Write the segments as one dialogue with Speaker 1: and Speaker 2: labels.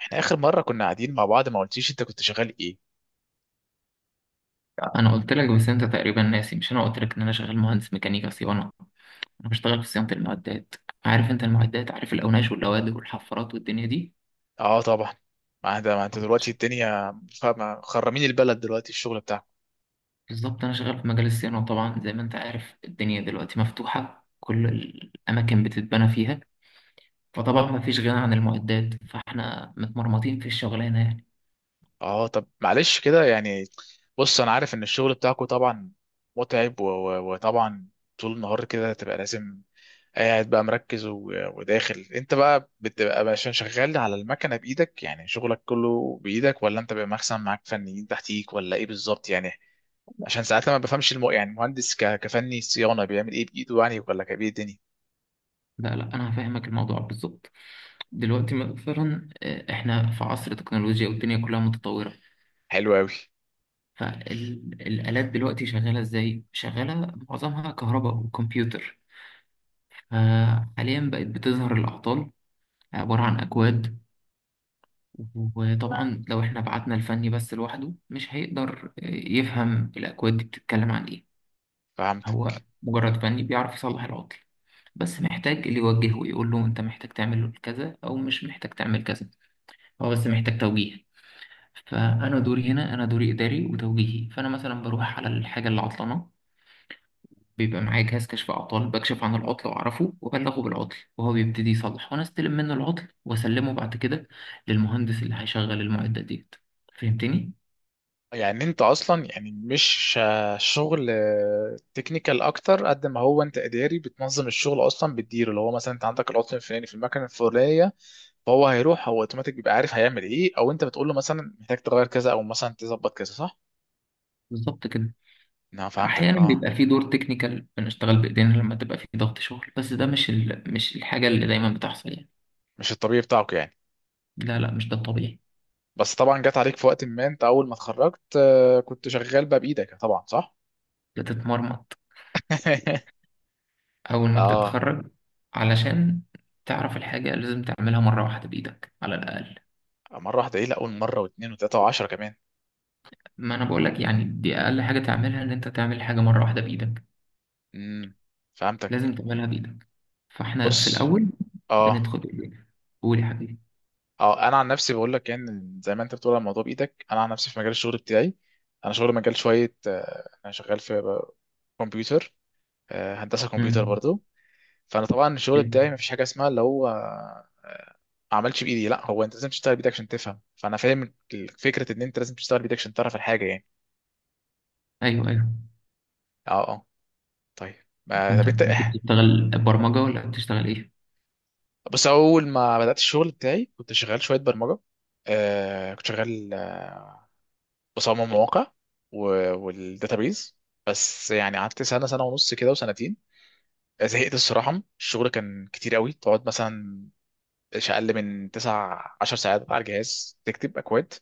Speaker 1: احنا اخر مره كنا قاعدين مع بعض ما قلتيش انت كنت شغال ايه؟
Speaker 2: انا قلت لك. بس انت تقريبا ناسي، مش انا قلت لك ان انا شغال مهندس ميكانيكا صيانه. انا بشتغل في صيانه المعدات. عارف انت المعدات؟ عارف الاوناش واللوادر والحفارات والدنيا دي.
Speaker 1: اه طبعا. ما انت دلوقتي الدنيا. خرمين البلد دلوقتي الشغل بتاعك.
Speaker 2: بالظبط، انا شغال في مجال الصيانه، طبعا زي ما انت عارف الدنيا دلوقتي مفتوحه، كل الاماكن بتتبنى فيها. فطبعا ما فيش غنى عن المعدات، فاحنا متمرمطين في الشغلانه يعني.
Speaker 1: اه طب معلش كده يعني. بص انا عارف ان الشغل بتاعكو طبعا متعب وطبعا طول النهار كده تبقى لازم قاعد بقى مركز وداخل انت بقى بتبقى عشان شغال على المكنه بايدك، يعني شغلك كله بايدك ولا انت بيبقى مثلا معاك فنيين تحتيك ولا ايه بالظبط يعني؟ عشان ساعات لما بفهمش يعني المهندس كفني صيانه بيعمل ايه بايده يعني ولا كبير الدنيا؟
Speaker 2: لا لا، انا هفهمك الموضوع بالظبط. دلوقتي مثلا احنا في عصر تكنولوجيا والدنيا كلها متطوره.
Speaker 1: حلو قوي.
Speaker 2: فالآلات دلوقتي شغالة إزاي؟ شغالة معظمها كهرباء وكمبيوتر. فحاليا بقت بتظهر الأعطال عبارة عن أكواد. وطبعا لو احنا بعتنا الفني بس لوحده مش هيقدر يفهم الأكواد دي بتتكلم عن إيه. هو
Speaker 1: فهمتك.
Speaker 2: مجرد فني بيعرف يصلح العطل، بس محتاج اللي يوجهه ويقول له انت محتاج تعمل كذا او مش محتاج تعمل كذا. هو بس محتاج توجيه. فانا دوري هنا، انا دوري اداري وتوجيهي، فانا مثلا بروح على الحاجه اللي عطلانه، بيبقى معايا جهاز كشف أعطال، بكشف عن العطل وأعرفه وأبلغه بالعطل، وهو بيبتدي يصلح وأنا أستلم منه العطل وأسلمه بعد كده للمهندس اللي هيشغل المعدات ديت. فهمتني؟
Speaker 1: يعني انت اصلا يعني مش شغل تكنيكال اكتر، قد ما هو انت اداري بتنظم الشغل اصلا بتديره، اللي هو مثلا انت عندك العطل الفلاني في المكنه الفلانيه فهو هيروح هو اوتوماتيك بيبقى عارف هيعمل ايه، او انت بتقول له مثلا محتاج تغير كذا او مثلا تظبط كذا، صح؟
Speaker 2: بالظبط كده.
Speaker 1: انا فهمتك
Speaker 2: أحيانا
Speaker 1: اه.
Speaker 2: بيبقى في دور تكنيكال، بنشتغل بإيدينا لما تبقى في ضغط شغل، بس ده مش الحاجة اللي دايما بتحصل يعني.
Speaker 1: مش الطبيعي بتاعك يعني.
Speaker 2: لا لا، مش ده الطبيعي.
Speaker 1: بس طبعا جت عليك في وقت ما انت اول ما اتخرجت، كنت شغال بقى بايدك طبعا صح؟
Speaker 2: بتتمرمط أول ما
Speaker 1: اه.
Speaker 2: بتتخرج، علشان تعرف الحاجة لازم تعملها مرة واحدة بإيدك على الأقل.
Speaker 1: مرة واحدة ايه؟ لا اقول مرة واتنين وتلاتة وعشرة كمان.
Speaker 2: ما أنا بقولك يعني، دي أقل حاجة تعملها، إن أنت تعمل حاجة مرة واحدة بإيدك.
Speaker 1: امم. فهمتك.
Speaker 2: لازم تعملها بإيدك. فإحنا في
Speaker 1: بص.
Speaker 2: الأول
Speaker 1: اه
Speaker 2: بندخل بإيدينا. قول يا حبيبي.
Speaker 1: اه. انا عن نفسي بقول لك يعني، زي ما انت بتقول على الموضوع بايدك، انا عن نفسي في مجال الشغل بتاعي انا شغل مجال شوية، انا شغال في كمبيوتر، هندسة كمبيوتر
Speaker 2: مم.
Speaker 1: برضو. فانا طبعا الشغل بتاعي
Speaker 2: ال-
Speaker 1: مفيش حاجة اسمها اللي هو ما عملش بايدي. لا، هو انت لازم تشتغل بايدك عشان تفهم. فانا فاهم فكرة ان انت لازم تشتغل بايدك عشان تعرف الحاجة يعني.
Speaker 2: أيوه أيوه.
Speaker 1: اه اه. طيب. ما
Speaker 2: فأنت
Speaker 1: طب انت،
Speaker 2: بتشتغل برمجة ولا بتشتغل إيه؟
Speaker 1: بس اول ما بدات الشغل بتاعي كنت شغال شويه برمجه، كنت شغال بصمم مواقع والداتابيز. بس يعني قعدت سنه سنه ونص كده وسنتين. زهقت الصراحه. الشغل كان كتير قوي، تقعد مثلا مش اقل من 9 10 ساعات على الجهاز تكتب اكواد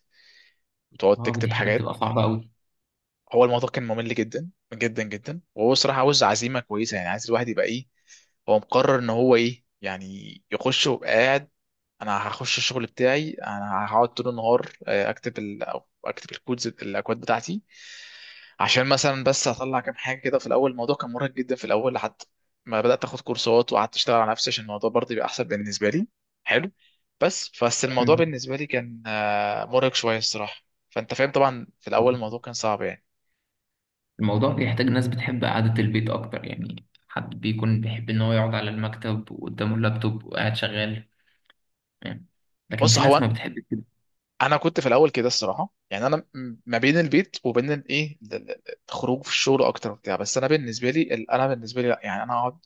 Speaker 1: وتقعد
Speaker 2: أه دي
Speaker 1: تكتب
Speaker 2: حاجة
Speaker 1: حاجات.
Speaker 2: بتبقى صعبة أوي.
Speaker 1: هو الموضوع كان ممل جدا جدا جدا، وهو الصراحه عاوز عزيمه كويسه، يعني عايز الواحد يبقى ايه، هو مقرر ان هو ايه يعني يخش وقاعد. انا هخش الشغل بتاعي انا هقعد طول النهار أو اكتب الكودز الاكواد بتاعتي عشان مثلا بس اطلع كام حاجه كده في الاول. الموضوع كان مرهق جدا في الاول لحد ما بدات اخد كورسات وقعدت اشتغل على نفسي عشان الموضوع برضه يبقى احسن بالنسبه لي. حلو. بس الموضوع
Speaker 2: مم.
Speaker 1: بالنسبه لي كان مرهق شويه الصراحه. فانت فاهم طبعا في الاول الموضوع كان صعب يعني.
Speaker 2: الموضوع بيحتاج ناس بتحب قعدة البيت أكتر، يعني حد بيكون بيحب إن هو يقعد على المكتب وقدامه اللابتوب وقاعد شغال يعني. لكن
Speaker 1: بص
Speaker 2: في ناس
Speaker 1: هو،
Speaker 2: ما بتحب كده.
Speaker 1: انا كنت في الاول كده الصراحه، يعني انا ما بين البيت وبين الايه الخروج في الشغل اكتر وبتاع. بس انا بالنسبه لي انا بالنسبه لي لا، يعني انا اقعد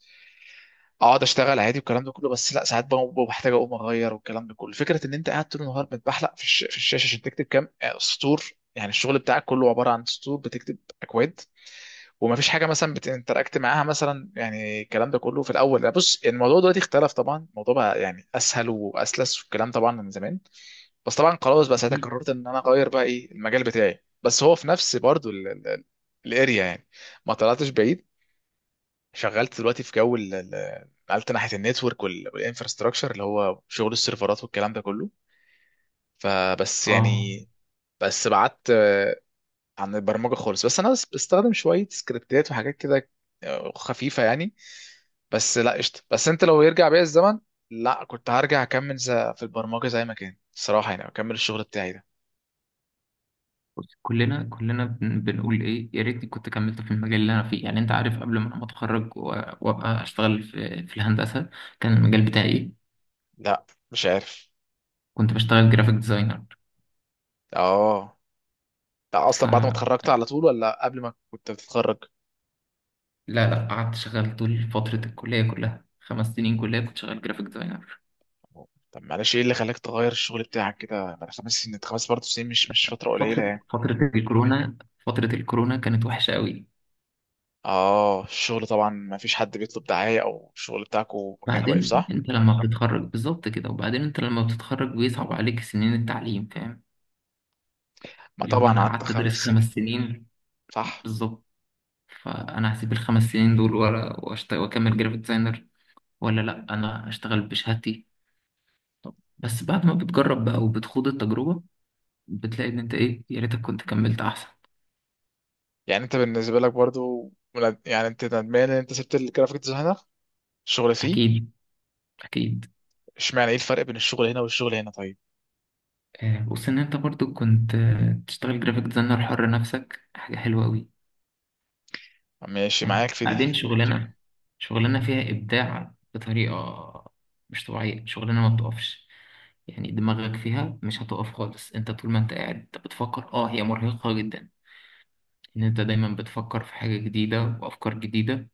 Speaker 1: اقعد اشتغل عادي والكلام ده كله، بس لا ساعات بحتاج اقوم اغير والكلام ده كله. فكره ان انت قاعد طول النهار بتبحلق في الشاشه عشان تكتب كام سطور، يعني الشغل بتاعك كله عباره عن سطور بتكتب اكواد، وما فيش حاجه مثلا بتنتراكت معاها مثلا، يعني الكلام ده كله في الاول. لا بص، الموضوع دلوقتي اختلف طبعا، الموضوع بقى يعني اسهل واسلس والكلام، طبعا من زمان. بس طبعا خلاص بقى ساعتها
Speaker 2: أكيد.
Speaker 1: قررت ان انا اغير بقى ايه المجال بتاعي، بس هو في نفس برضو الاريا يعني، ما طلعتش بعيد. شغلت دلوقتي في جو نقلت ناحيه النتورك والانفراستراكشر، اللي هو شغل السيرفرات والكلام ده كله. فبس
Speaker 2: أه
Speaker 1: يعني، بس بعدت عن البرمجه خالص، بس انا بس بستخدم شويه سكريبتات وحاجات كده خفيفه يعني. بس لا قشطه. بس انت لو يرجع بيا الزمن، لا كنت هرجع اكمل في البرمجه زي ما كان الصراحه يعني، اكمل الشغل بتاعي ده.
Speaker 2: بص، كلنا كلنا بنقول ايه يا ريتني كنت كملت في المجال اللي انا فيه، يعني انت عارف قبل ما انا اتخرج وابقى اشتغل في الهندسه، كان المجال بتاعي ايه؟
Speaker 1: لا. مش عارف.
Speaker 2: كنت بشتغل جرافيك ديزاينر.
Speaker 1: اه. ده اصلا بعد ما
Speaker 2: فلا،
Speaker 1: اتخرجت على طول ولا قبل ما كنت بتتخرج؟
Speaker 2: لا لا، قعدت شغال طول فتره الكليه كلها، خمس سنين كليه كنت شغال جرافيك ديزاينر.
Speaker 1: طب معلش، ايه اللي خلاك تغير الشغل بتاعك كده بعد 5 سنين؟ خمس برضه سنين، مش فترة
Speaker 2: فتره
Speaker 1: قليلة يعني.
Speaker 2: فتره الكورونا، فتره الكورونا كانت وحشه قوي.
Speaker 1: اه الشغل طبعا ما فيش حد بيطلب دعاية او الشغل بتاعكو كان واقف،
Speaker 2: بعدين
Speaker 1: صح؟
Speaker 2: انت لما بتتخرج بالظبط كده، وبعدين انت لما بتتخرج بيصعب عليك سنين التعليم، فاهم؟
Speaker 1: ما
Speaker 2: اللي هو
Speaker 1: طبعا
Speaker 2: انا
Speaker 1: قعدت
Speaker 2: قعدت ادرس
Speaker 1: خمس
Speaker 2: خمس
Speaker 1: سنين
Speaker 2: سنين.
Speaker 1: صح.
Speaker 2: بالظبط. فانا هسيب الخمس سنين دول واكمل جرافيك ديزاينر، ولا لا انا اشتغل بشهادتي؟ طب بس بعد ما بتجرب بقى وبتخوض التجربه، بتلاقي ان انت ايه، يا ريتك كنت كملت احسن.
Speaker 1: يعني انت بالنسبة لك برضو، يعني انت ندمان ان انت سبت الجرافيك ديزاينر الشغل فيه؟
Speaker 2: اكيد اكيد.
Speaker 1: اشمعنى، ايه الفرق بين الشغل هنا والشغل هنا طيب؟
Speaker 2: بص، ان انت برضو كنت تشتغل جرافيك ديزاينر حر نفسك، حاجه حلوه قوي.
Speaker 1: ماشي معاك
Speaker 2: فاهم؟
Speaker 1: في
Speaker 2: بعدين
Speaker 1: دي، طب تمام.
Speaker 2: شغلانه، شغلانه فيها ابداع بطريقه مش طبيعيه، شغلانه ما بتقفش يعني، دماغك فيها مش هتقف خالص. انت طول ما انت قاعد انت بتفكر، اه هي مرهقه جدا، ان انت دايما بتفكر في حاجة جديدة وافكار جديدة،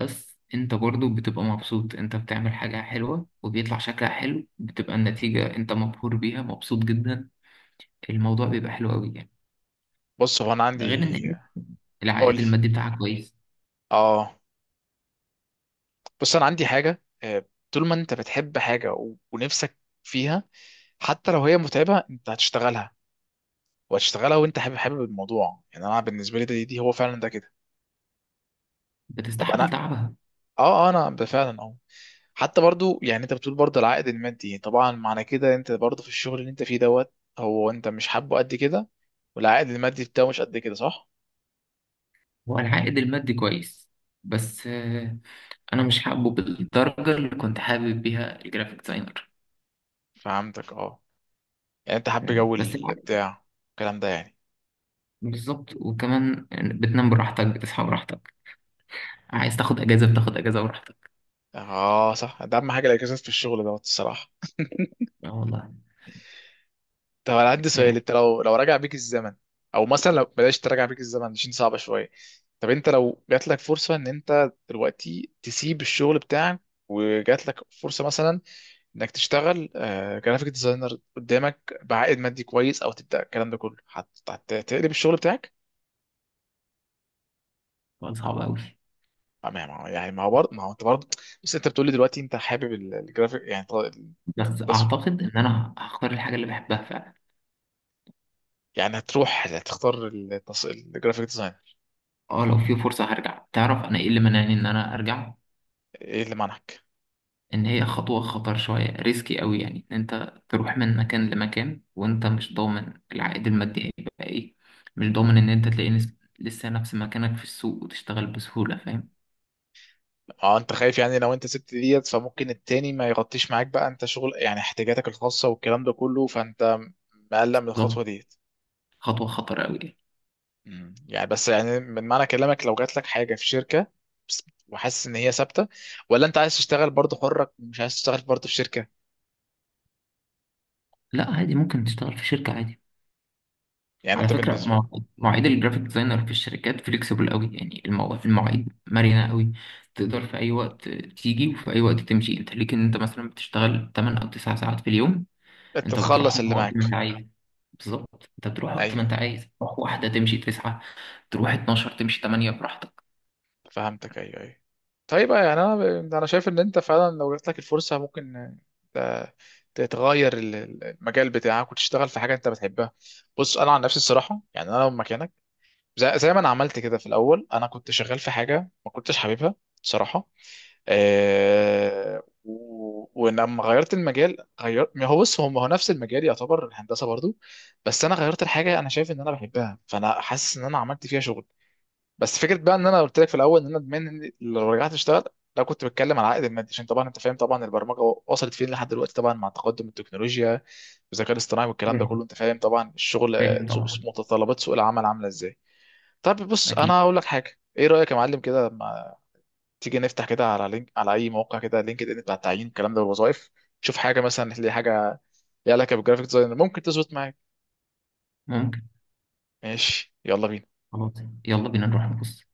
Speaker 2: بس انت برضو بتبقى مبسوط. انت بتعمل حاجة حلوة وبيطلع شكلها حلو، بتبقى النتيجة انت مبهور بيها، مبسوط جدا. الموضوع بيبقى حلو قوي يعني.
Speaker 1: بص هو انا
Speaker 2: ده
Speaker 1: عندي،
Speaker 2: غير ان
Speaker 1: قول
Speaker 2: العائد
Speaker 1: لي.
Speaker 2: المادي بتاعها كويس.
Speaker 1: اه. بص انا عندي حاجه، طول ما انت بتحب حاجه ونفسك فيها، حتى لو هي متعبه انت هتشتغلها وهتشتغلها، وانت حابب حابب الموضوع يعني. انا بالنسبه لي ده، دي هو فعلا ده كده. طب انا
Speaker 2: بتستحمل تعبها.
Speaker 1: اه، انا فعلا اه، حتى برضو يعني انت بتقول برضو العائد المادي. طبعا معنى كده انت برضو في الشغل اللي انت فيه دوت، هو انت مش حابه قد كده والعائد المادي بتاعه مش قد كده، صح؟
Speaker 2: والعائد المادي كويس، بس انا مش حابه بالدرجة اللي كنت حابب بيها الجرافيك ديزاينر.
Speaker 1: فهمتك اه. يعني انت حابب
Speaker 2: فاهم؟
Speaker 1: جو
Speaker 2: بس العائد.
Speaker 1: البتاع الكلام ده يعني.
Speaker 2: بالظبط. وكمان بتنام براحتك، بتصحى براحتك، عايز تاخد اجازة بتاخد اجازة براحتك.
Speaker 1: اه صح، ده اهم حاجه الاجازات في الشغل دوت الصراحه.
Speaker 2: اه والله.
Speaker 1: طب انا عندي سؤال، انت لو راجع بيك الزمن، او مثلا لو بلاش تراجع بيك الزمن عشان صعبه شويه، طب انت لو جات لك فرصه ان انت دلوقتي تسيب الشغل بتاعك، وجات لك فرصه مثلا انك تشتغل جرافيك ديزاينر قدامك بعائد مادي كويس، او تبدا الكلام ده كله، هتقلب الشغل بتاعك؟
Speaker 2: سؤال صعب أوي.
Speaker 1: يعني ما هو برضه، ما هو انت برضه بس انت بتقولي دلوقتي انت حابب الجرافيك يعني،
Speaker 2: بس
Speaker 1: التصوير،
Speaker 2: أعتقد إن أنا هختار الحاجة اللي بحبها فعلا.
Speaker 1: يعني هتروح هتختار الجرافيك ديزاينر؟
Speaker 2: أه لو في فرصة هرجع. تعرف أنا إيه اللي منعني إن أنا أرجع؟
Speaker 1: ايه اللي منعك؟
Speaker 2: إن هي خطوة خطر شوية، ريسكي أوي يعني، إن أنت تروح من مكان لمكان وأنت مش ضامن العائد المادي هيبقى إيه، مش ضامن إن أنت تلاقي لسه نفس مكانك في السوق وتشتغل بسهولة، فاهم؟
Speaker 1: اه انت خايف يعني لو انت سبت ديت فممكن التاني ما يغطيش معاك بقى، انت شغل يعني احتياجاتك الخاصة والكلام ده كله، فانت مقلق من الخطوة
Speaker 2: بالظبط.
Speaker 1: ديت؟
Speaker 2: خطوة خطر أوي يعني.
Speaker 1: يعني بس يعني من معنى كلامك لو جات لك حاجة في شركة، وحاسس ان هي ثابتة، ولا انت عايز تشتغل برضه حرك، مش عايز تشتغل برضه في شركة؟
Speaker 2: لا عادي، ممكن تشتغل في شركة عادي.
Speaker 1: يعني
Speaker 2: على
Speaker 1: انت
Speaker 2: فكرة،
Speaker 1: بالنسبة،
Speaker 2: مواعيد الجرافيك ديزاينر في الشركات فليكسيبل قوي يعني. المواعيد مرنة قوي. تقدر في أي وقت تيجي وفي أي وقت تمشي، أنت ليك إن أنت مثلا بتشتغل 8 أو 9 ساعات في اليوم،
Speaker 1: انت
Speaker 2: أنت
Speaker 1: تخلص
Speaker 2: بتروحهم
Speaker 1: اللي
Speaker 2: وقت ما
Speaker 1: معاك.
Speaker 2: أنت عايز. بالظبط، أنت بتروح وقت ما
Speaker 1: ايوه.
Speaker 2: أنت عايز تروح. واحدة تمشي 9، تروح 12 تمشي 8، براحتك.
Speaker 1: فهمتك ايوه ايوه. طيب يعني انا شايف ان انت فعلا لو جات لك الفرصه ممكن ت- تتغير المجال بتاعك وتشتغل في حاجه انت بتحبها. بص انا عن نفسي الصراحه يعني انا لو مكانك، زي ما انا عملت كده في الاول، انا كنت شغال في حاجه ما كنتش حاببها بصراحه. أه، ولما غيرت المجال، غير ما هو، بص، هو نفس المجال يعتبر الهندسه برضو، بس انا غيرت الحاجه انا شايف ان انا بحبها، فانا حاسس ان انا عملت فيها شغل. بس فكره بقى ان انا قلت لك في الاول ان انا ادمان لو رجعت اشتغل، لو كنت بتكلم على العائد المادي، عشان طبعا انت فاهم طبعا البرمجه وصلت فين لحد دلوقتي، طبعا مع تقدم التكنولوجيا والذكاء الاصطناعي والكلام ده
Speaker 2: فاهم
Speaker 1: كله، انت فاهم طبعا الشغل،
Speaker 2: فاهم طبعا.
Speaker 1: متطلبات سوق العمل عامله ازاي. طب بص انا
Speaker 2: أكيد.
Speaker 1: هقول لك حاجه، ايه رايك يا معلم كده؟ ما تيجي نفتح كده على لينك، على اي موقع كده لينكد ان بتاع التعيين الكلام ده والوظائف، شوف حاجه مثلا، تلاقي حاجه ليها علاقه بالجرافيك ديزاينر ممكن تظبط معاك.
Speaker 2: ممكن.
Speaker 1: ماشي يلا بينا.
Speaker 2: خلاص، يلا بينا نروح نبص.